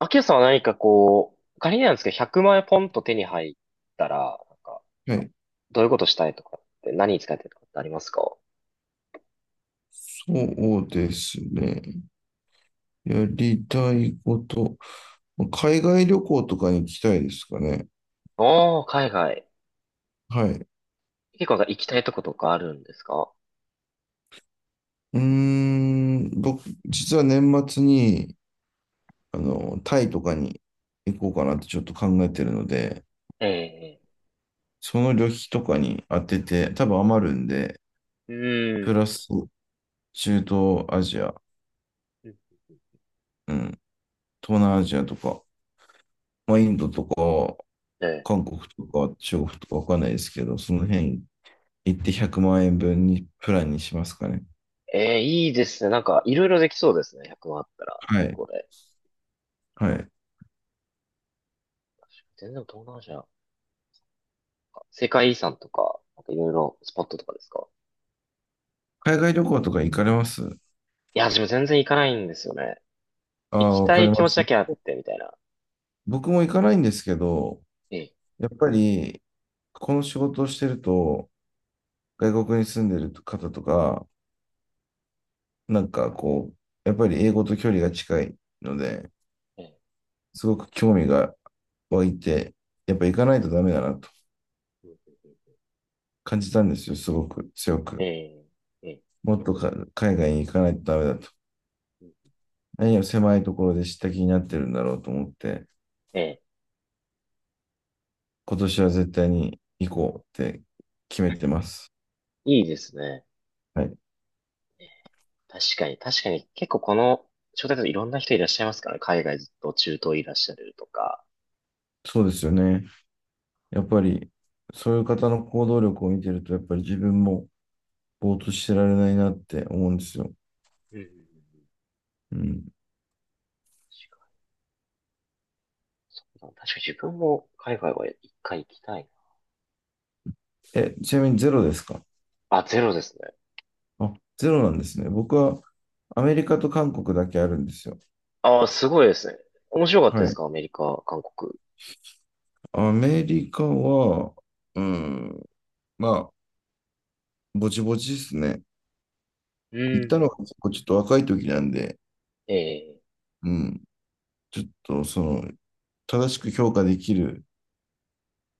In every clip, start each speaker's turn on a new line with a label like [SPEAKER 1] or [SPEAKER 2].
[SPEAKER 1] アキラさんは何かこう、仮になんですけど、100万円ポンと手に入ったら、なんか、
[SPEAKER 2] はい。
[SPEAKER 1] どういうことしたいとかって何に使いたいとかってありますか？
[SPEAKER 2] そうですね。やりたいこと。海外旅行とかに行きたいですかね。
[SPEAKER 1] おー、海外。
[SPEAKER 2] はい。う
[SPEAKER 1] 結構なんか行きたいとことかあるんですか？
[SPEAKER 2] ーん、僕、実は年末に、タイとかに行こうかなってちょっと考えてるので、
[SPEAKER 1] ええ、
[SPEAKER 2] その旅費とかに当てて、多分余るんで、
[SPEAKER 1] う
[SPEAKER 2] プ
[SPEAKER 1] ん。
[SPEAKER 2] ラス中東アジア、うん、東南アジアとか、まあ、インドとか、
[SPEAKER 1] ええ
[SPEAKER 2] 韓国とか、中国とかわかんないですけど、その辺行って100万円分にプランにしますかね。
[SPEAKER 1] ええいいですね。なんか、いろいろできそうですね。100万あったら、
[SPEAKER 2] は
[SPEAKER 1] 旅
[SPEAKER 2] い。
[SPEAKER 1] 行で。
[SPEAKER 2] はい。
[SPEAKER 1] 全然東南アジアなんか、世界遺産とか、なんかいろいろスポットとかですか？
[SPEAKER 2] 海外旅行とか行かれます？
[SPEAKER 1] いや、自分全然行かないんですよね。
[SPEAKER 2] あ
[SPEAKER 1] 行き
[SPEAKER 2] あ、わ
[SPEAKER 1] た
[SPEAKER 2] かり
[SPEAKER 1] い気
[SPEAKER 2] ま
[SPEAKER 1] 持
[SPEAKER 2] す。
[SPEAKER 1] ちだけあって、みたいな。
[SPEAKER 2] 僕も行かないんですけど、
[SPEAKER 1] ええ
[SPEAKER 2] やっぱり、この仕事をしてると、外国に住んでる方とか、なんかこう、やっぱり英語と距離が近いので、
[SPEAKER 1] ええ
[SPEAKER 2] すごく興味が湧いて、やっぱ行かないとダメだなと
[SPEAKER 1] うんうんうん
[SPEAKER 2] 感じたんですよ、すごく強く。
[SPEAKER 1] えええ
[SPEAKER 2] もっとか海外に行かないとダメだと。
[SPEAKER 1] え
[SPEAKER 2] 何を狭いところで知った気になってるんだろうと思って、
[SPEAKER 1] ええ、
[SPEAKER 2] 今年は絶対に行こうって決めてます。
[SPEAKER 1] いいですね。
[SPEAKER 2] はい。
[SPEAKER 1] 確かに、確かに、結構この、招待といろんな人いらっしゃいますからね。海外ずっと中東いらっしゃるとか。
[SPEAKER 2] そうですよね。やっぱり、そういう方の行動力を見てると、やっぱり自分もぼーっとしてられないなって思うんですよ。
[SPEAKER 1] うんうんうんうん、
[SPEAKER 2] うん。
[SPEAKER 1] 確かに、確かに自分も海外は一回行きたい
[SPEAKER 2] え、ちなみにゼロですか？
[SPEAKER 1] な。あ、ゼロですね。
[SPEAKER 2] あ、ゼロなんですね。僕はアメリカと韓国だけあるんですよ。
[SPEAKER 1] ああ、すごいですね。面白かった
[SPEAKER 2] は
[SPEAKER 1] です
[SPEAKER 2] い。
[SPEAKER 1] かアメリカ、韓国？
[SPEAKER 2] アメリカは、うん、まあ、ぼちぼちですね。
[SPEAKER 1] うんう
[SPEAKER 2] 行ったのが
[SPEAKER 1] ん
[SPEAKER 2] 結構ちょっと若い時なんで、
[SPEAKER 1] ええ、
[SPEAKER 2] うん、ちょっと正しく評価できる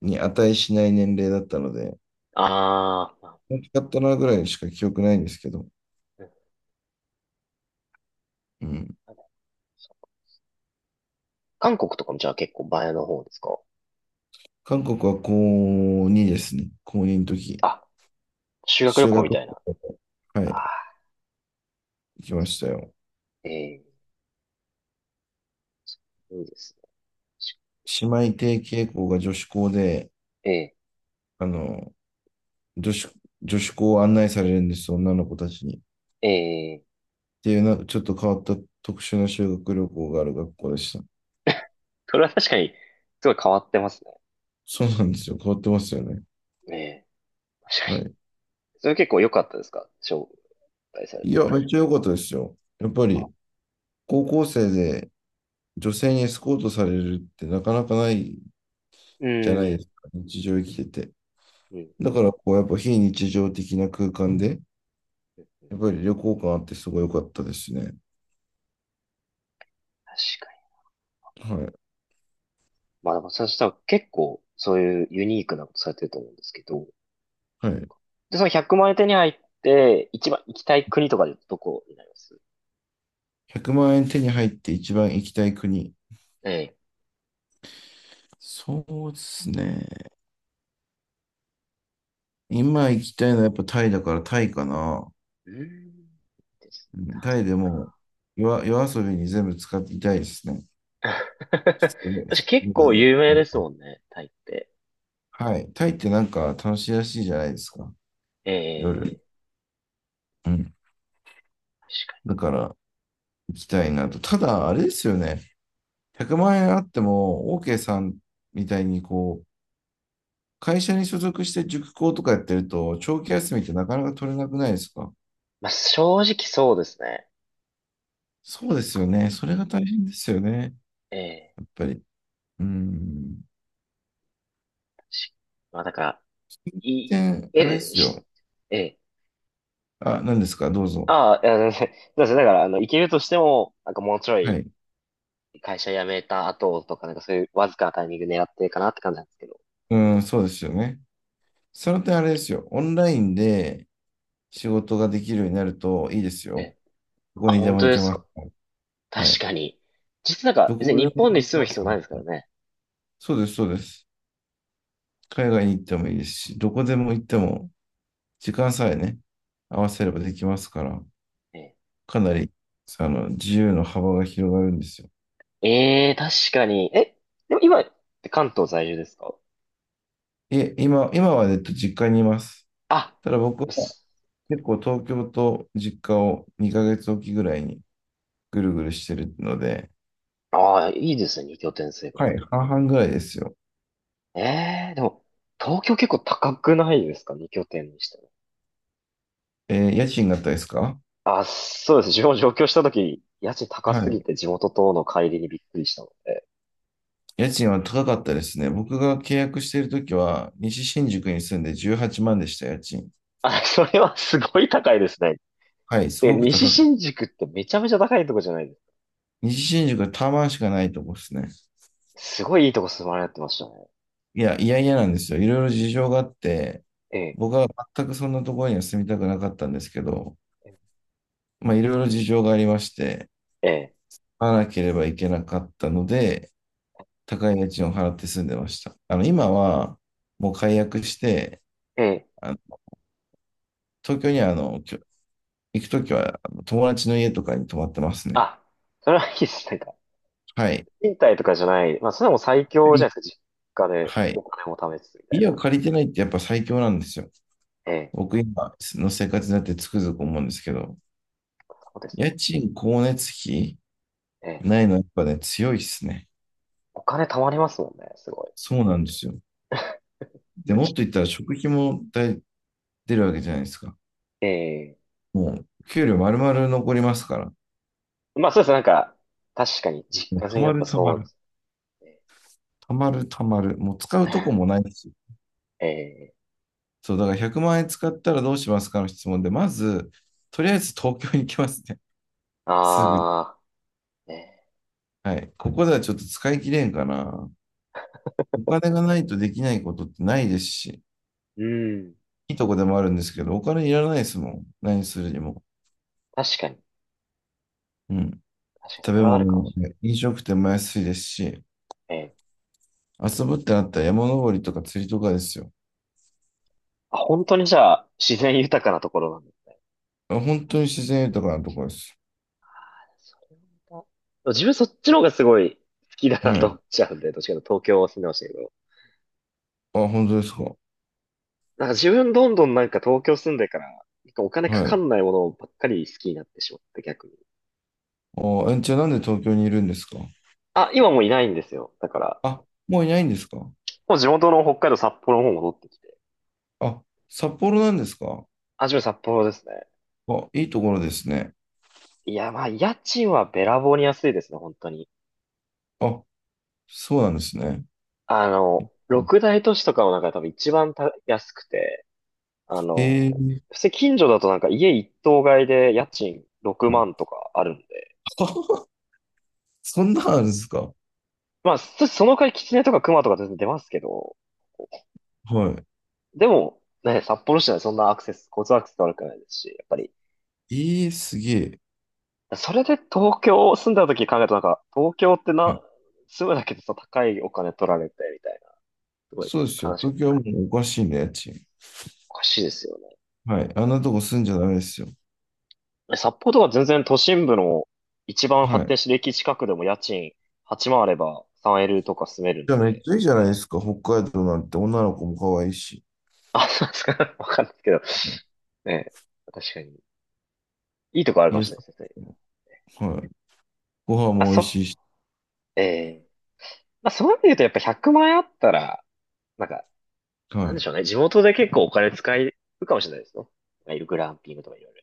[SPEAKER 2] に値しない年齢だったので、
[SPEAKER 1] あーまあ、
[SPEAKER 2] 大きかったなぐらいしか記憶ないんですけど、
[SPEAKER 1] うん、
[SPEAKER 2] うん。
[SPEAKER 1] 韓国とかもじゃあ結構前の方ですか？
[SPEAKER 2] 韓国は高2ですね。高2の時。
[SPEAKER 1] あ、修学旅
[SPEAKER 2] 修
[SPEAKER 1] 行
[SPEAKER 2] 学
[SPEAKER 1] み
[SPEAKER 2] 旅
[SPEAKER 1] たいな。
[SPEAKER 2] 行。は
[SPEAKER 1] あ
[SPEAKER 2] い、
[SPEAKER 1] あ、
[SPEAKER 2] 行きましたよ。
[SPEAKER 1] ええ、いいですね。
[SPEAKER 2] 姉妹提携校が女子校で、
[SPEAKER 1] ええ、
[SPEAKER 2] あの、女子、女子校を案内されるんです、女の子たちに。っ
[SPEAKER 1] ええ。
[SPEAKER 2] ていうな、ちょっと変わった特殊な修学旅行がある学校でした。
[SPEAKER 1] それは確かに、すごい変わってますね。
[SPEAKER 2] そうなんですよ。変わってますよね。
[SPEAKER 1] ねえ。確
[SPEAKER 2] は
[SPEAKER 1] かに。
[SPEAKER 2] い。
[SPEAKER 1] それ結構良かったですか、招待される
[SPEAKER 2] い
[SPEAKER 1] の
[SPEAKER 2] や、
[SPEAKER 1] は？
[SPEAKER 2] めっちゃ良かったですよ。やっぱ
[SPEAKER 1] あ
[SPEAKER 2] り、高校生で女性にエスコートされるってなかなかない
[SPEAKER 1] う
[SPEAKER 2] じゃない
[SPEAKER 1] ん。う
[SPEAKER 2] です
[SPEAKER 1] ん。
[SPEAKER 2] か。日常生きてて。
[SPEAKER 1] うん。
[SPEAKER 2] だから、こう、やっぱ非日常的な空間で、
[SPEAKER 1] うんうん、
[SPEAKER 2] やっぱり旅行感あってすごい良かったですね。
[SPEAKER 1] 確かに。
[SPEAKER 2] はい。
[SPEAKER 1] まあでも、そしたら結構、そういうユニークなことされてると思うんですけど。
[SPEAKER 2] はい。
[SPEAKER 1] で、その100万円手に入って、一番行きたい国とかでどこになります？
[SPEAKER 2] 100万円手に入って一番行きたい国。
[SPEAKER 1] ええ。
[SPEAKER 2] そうですね。今行きたいのはやっぱタイだからタイかな。
[SPEAKER 1] うん。です
[SPEAKER 2] うん
[SPEAKER 1] タ
[SPEAKER 2] タ
[SPEAKER 1] イ。
[SPEAKER 2] イで、もう夜遊びに全部使っていたいですね。普通に、普
[SPEAKER 1] 私
[SPEAKER 2] 通
[SPEAKER 1] 結
[SPEAKER 2] に。
[SPEAKER 1] 構有
[SPEAKER 2] う
[SPEAKER 1] 名で
[SPEAKER 2] ん。
[SPEAKER 1] すもんね、タイって。
[SPEAKER 2] はい。タイってなんか楽しいらしいじゃないですか。夜。
[SPEAKER 1] ええ。
[SPEAKER 2] うん。
[SPEAKER 1] 確かに。
[SPEAKER 2] だから行きたいなと。ただ、あれですよね。100万円あっても、OK さんみたいに、こう、会社に所属して塾講とかやってると、長期休みってなかなか取れなくないですか？
[SPEAKER 1] まあ正直そうですね。
[SPEAKER 2] そうで
[SPEAKER 1] 結
[SPEAKER 2] すよ
[SPEAKER 1] 構。
[SPEAKER 2] ね。それが大変ですよね。
[SPEAKER 1] え
[SPEAKER 2] や
[SPEAKER 1] え。
[SPEAKER 2] っぱり。うーん。
[SPEAKER 1] しまあ、だから、い、
[SPEAKER 2] で、あれで
[SPEAKER 1] え、
[SPEAKER 2] す
[SPEAKER 1] し
[SPEAKER 2] よ。
[SPEAKER 1] ええ、
[SPEAKER 2] あ、何ですか？どうぞ。
[SPEAKER 1] ああ、いや、全然、そうですね。だから、行けるとしても、なんかもうちょ
[SPEAKER 2] は
[SPEAKER 1] い
[SPEAKER 2] い。う
[SPEAKER 1] 会社辞めた後とか、なんかそういうわずかなタイミング狙ってるかなって感じなんですけど。
[SPEAKER 2] ーん、そうですよね。その点あれですよ。オンラインで仕事ができるようになるといいです
[SPEAKER 1] え
[SPEAKER 2] よ。
[SPEAKER 1] え。
[SPEAKER 2] どこ
[SPEAKER 1] あ、
[SPEAKER 2] にで
[SPEAKER 1] 本
[SPEAKER 2] も
[SPEAKER 1] 当
[SPEAKER 2] 行
[SPEAKER 1] で
[SPEAKER 2] け
[SPEAKER 1] す
[SPEAKER 2] ます。
[SPEAKER 1] か。確
[SPEAKER 2] はい。
[SPEAKER 1] かに。実はなん
[SPEAKER 2] ど
[SPEAKER 1] か、別
[SPEAKER 2] こで
[SPEAKER 1] に
[SPEAKER 2] も
[SPEAKER 1] 日本に
[SPEAKER 2] 行け
[SPEAKER 1] 住む
[SPEAKER 2] ます。
[SPEAKER 1] 必要ないですからね。
[SPEAKER 2] そうです、そうです。海外に行ってもいいですし、どこでも行っても時間さえね、合わせればできますから、
[SPEAKER 1] え
[SPEAKER 2] かなり、自由の幅が広がるんですよ。
[SPEAKER 1] え、ええ、確かに。え、でも今って関東在住ですか？
[SPEAKER 2] いえ、今は、実家にいます。
[SPEAKER 1] あ、
[SPEAKER 2] ただ僕は
[SPEAKER 1] す
[SPEAKER 2] 結構東京と実家を2ヶ月おきぐらいにぐるぐるしてるので、
[SPEAKER 1] ああ、いいですね、二拠点生活。
[SPEAKER 2] はい、半々ぐらいですよ。
[SPEAKER 1] ええ、でも、東京結構高くないですか、二拠点にして？
[SPEAKER 2] えー、家賃があったですか？
[SPEAKER 1] あ、そうですね。自分も上京した時に、家賃高
[SPEAKER 2] は
[SPEAKER 1] すぎ
[SPEAKER 2] い。
[SPEAKER 1] て地元との乖離にびっくりしたので。
[SPEAKER 2] 家賃は高かったですね。僕が契約しているときは、西新宿に住んで18万でした、家賃。
[SPEAKER 1] あ、それはすごい高いですね。
[SPEAKER 2] はい、す
[SPEAKER 1] で、
[SPEAKER 2] ごく
[SPEAKER 1] 西
[SPEAKER 2] 高かった。
[SPEAKER 1] 新宿ってめちゃめちゃ高いとこじゃないで
[SPEAKER 2] 西新宿はタワマンしかないとこですね。
[SPEAKER 1] す。すごいいいとこ住まれてましたね。
[SPEAKER 2] いや、いやいやなんですよ。いろいろ事情があって、
[SPEAKER 1] ええ、
[SPEAKER 2] 僕は全くそんなところには住みたくなかったんですけど、まあ、いろいろ事情がありまして、
[SPEAKER 1] ええ、
[SPEAKER 2] 買わなければいけなかったので、高い家賃を払って住んでました。今は、もう解約して、
[SPEAKER 1] ええ。
[SPEAKER 2] あの東京には、行くときは、友達の家とかに泊まってますね。
[SPEAKER 1] あ、それはいいです。なんか、
[SPEAKER 2] はい。
[SPEAKER 1] 賃貸とかじゃない。まあ、それも最強じ
[SPEAKER 2] い
[SPEAKER 1] ゃないですか。実家で
[SPEAKER 2] はい。
[SPEAKER 1] お金も貯めつつみたいな。
[SPEAKER 2] 家を借りてないってやっぱ最強なんですよ。
[SPEAKER 1] ええ、
[SPEAKER 2] 僕今の生活になってつくづく思うんですけど、
[SPEAKER 1] そうですね。
[SPEAKER 2] 家賃、光熱費、
[SPEAKER 1] ええ。
[SPEAKER 2] ないの、やっぱね、強いっすね。
[SPEAKER 1] お金貯まりますもんね。すごい。
[SPEAKER 2] そうなんですよ。で、もっと言ったら食費も大出るわけじゃないですか。
[SPEAKER 1] ええ。
[SPEAKER 2] もう、給料丸々残りますから。
[SPEAKER 1] まあ、そうです。なんか、確かに実
[SPEAKER 2] もう
[SPEAKER 1] 家住
[SPEAKER 2] た
[SPEAKER 1] みだ
[SPEAKER 2] ま
[SPEAKER 1] った
[SPEAKER 2] る
[SPEAKER 1] ら
[SPEAKER 2] た
[SPEAKER 1] そ
[SPEAKER 2] ま
[SPEAKER 1] うで
[SPEAKER 2] る。
[SPEAKER 1] すね。
[SPEAKER 2] たまるたまる。もう使うとこもないし。
[SPEAKER 1] ええ、
[SPEAKER 2] そう、だから100万円使ったらどうしますかの質問で、まず、とりあえず東京に行きますね。すぐ。
[SPEAKER 1] ああー、ね、
[SPEAKER 2] はい。ここではちょっと使い切れんかな。お金がないとできないことってないですし、
[SPEAKER 1] うん。
[SPEAKER 2] いいとこでもあるんですけど、お金いらないですもん。何するにも。
[SPEAKER 1] 確かに。
[SPEAKER 2] うん。
[SPEAKER 1] 確かに、
[SPEAKER 2] 食
[SPEAKER 1] そ
[SPEAKER 2] べ
[SPEAKER 1] れはある
[SPEAKER 2] 物
[SPEAKER 1] かも
[SPEAKER 2] も
[SPEAKER 1] し
[SPEAKER 2] ね、飲食店も安いですし、
[SPEAKER 1] れない。ええ、
[SPEAKER 2] 遊ぶってなったら山登りとか釣りとかですよ。
[SPEAKER 1] あ、本当にじゃあ、自然豊かなところなんだ。
[SPEAKER 2] あ、本当に自然豊かなところです。
[SPEAKER 1] それもまた自分そっちの方がすごい好きだな
[SPEAKER 2] は
[SPEAKER 1] と思
[SPEAKER 2] い。
[SPEAKER 1] っちゃうんで、どっちかというと東京を住んでましたけど。
[SPEAKER 2] あ、本当ですか。
[SPEAKER 1] なんか自分どんどんなんか東京住んでから、なんかお金か
[SPEAKER 2] は
[SPEAKER 1] か
[SPEAKER 2] い。
[SPEAKER 1] んないものばっかり好きになってしまって逆に。
[SPEAKER 2] あ、え、じゃあなんで東京にいるんですか？
[SPEAKER 1] あ、今もういないんですよ。だから、
[SPEAKER 2] あ、もういないんですか？
[SPEAKER 1] もう地元の北海道札幌の方戻ってきて。
[SPEAKER 2] あ、札幌なんですか？
[SPEAKER 1] あ、自分札幌ですね。
[SPEAKER 2] あ、いいところですね。
[SPEAKER 1] いや、まあ、家賃はべらぼうに安いですね、本当に。
[SPEAKER 2] あ、そうなんですね。
[SPEAKER 1] 六大都市とかの中で多分一番た安くて、あ
[SPEAKER 2] え
[SPEAKER 1] の、
[SPEAKER 2] ー、
[SPEAKER 1] 普通近所だとなんか家一棟買いで家賃6
[SPEAKER 2] はい。
[SPEAKER 1] 万とかあるんで、
[SPEAKER 2] そんなんあるんですか？
[SPEAKER 1] まあ、その代わりキツネとかクマとか全然出ますけど、
[SPEAKER 2] は
[SPEAKER 1] でもね、札幌市内そんなアクセス、交通アクセス悪くないですし、やっぱり、
[SPEAKER 2] い。えー、すげえ。
[SPEAKER 1] それで東京住んだ時考えるとなんか、東京ってな、住むだけでさ、高いお金取られてみたいな、すごい
[SPEAKER 2] そうですよ。
[SPEAKER 1] 悲しかっ
[SPEAKER 2] 東
[SPEAKER 1] た。
[SPEAKER 2] 京はもうおかしいね、家賃。
[SPEAKER 1] おかしいですよね。
[SPEAKER 2] はい。あんなとこ住んじゃダメですよ。
[SPEAKER 1] 札幌とか全然都心部の一番
[SPEAKER 2] は
[SPEAKER 1] 発展
[SPEAKER 2] い。
[SPEAKER 1] してる駅近くでも家賃8万あれば 3L とか住める
[SPEAKER 2] じ
[SPEAKER 1] ん
[SPEAKER 2] ゃあめっ
[SPEAKER 1] で。
[SPEAKER 2] ちゃいいじゃないですか。北海道なんて女の子も可愛いし。
[SPEAKER 1] あ、そうですか。わかんないですけど。ねえ、確かに。いいとこある
[SPEAKER 2] い
[SPEAKER 1] か
[SPEAKER 2] い
[SPEAKER 1] も
[SPEAKER 2] で
[SPEAKER 1] し
[SPEAKER 2] す
[SPEAKER 1] れな
[SPEAKER 2] か？
[SPEAKER 1] いですね。
[SPEAKER 2] はい。ご飯
[SPEAKER 1] あ、
[SPEAKER 2] も美
[SPEAKER 1] そう。
[SPEAKER 2] 味しいし、
[SPEAKER 1] ええ、まあ、そういう意味で言うとやっぱ100万円あったら、なんか、な
[SPEAKER 2] は
[SPEAKER 1] んで
[SPEAKER 2] い。
[SPEAKER 1] しょうね。地元で結構お金使えるかもしれないですね。いるグランピングとかいろいろ。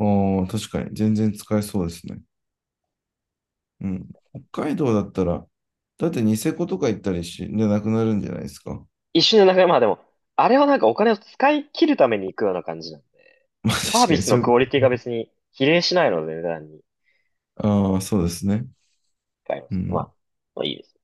[SPEAKER 2] ああ、確かに。全然使えそうですね。うん。北海道だったら、だってニセコとか行ったりし、でなくなるんじゃないですか。
[SPEAKER 1] 一瞬でなんか、まあでも、あれはなんかお金を使い切るために行くような感じなんで。
[SPEAKER 2] まあ確
[SPEAKER 1] サービ
[SPEAKER 2] かに
[SPEAKER 1] ス
[SPEAKER 2] そ
[SPEAKER 1] の
[SPEAKER 2] ういうこ
[SPEAKER 1] クオリティが別に比例しないので、値段に。
[SPEAKER 2] と、ああ、そうですね。
[SPEAKER 1] 回あま
[SPEAKER 2] う
[SPEAKER 1] すけど、ま
[SPEAKER 2] ん。
[SPEAKER 1] あ、まあいいです。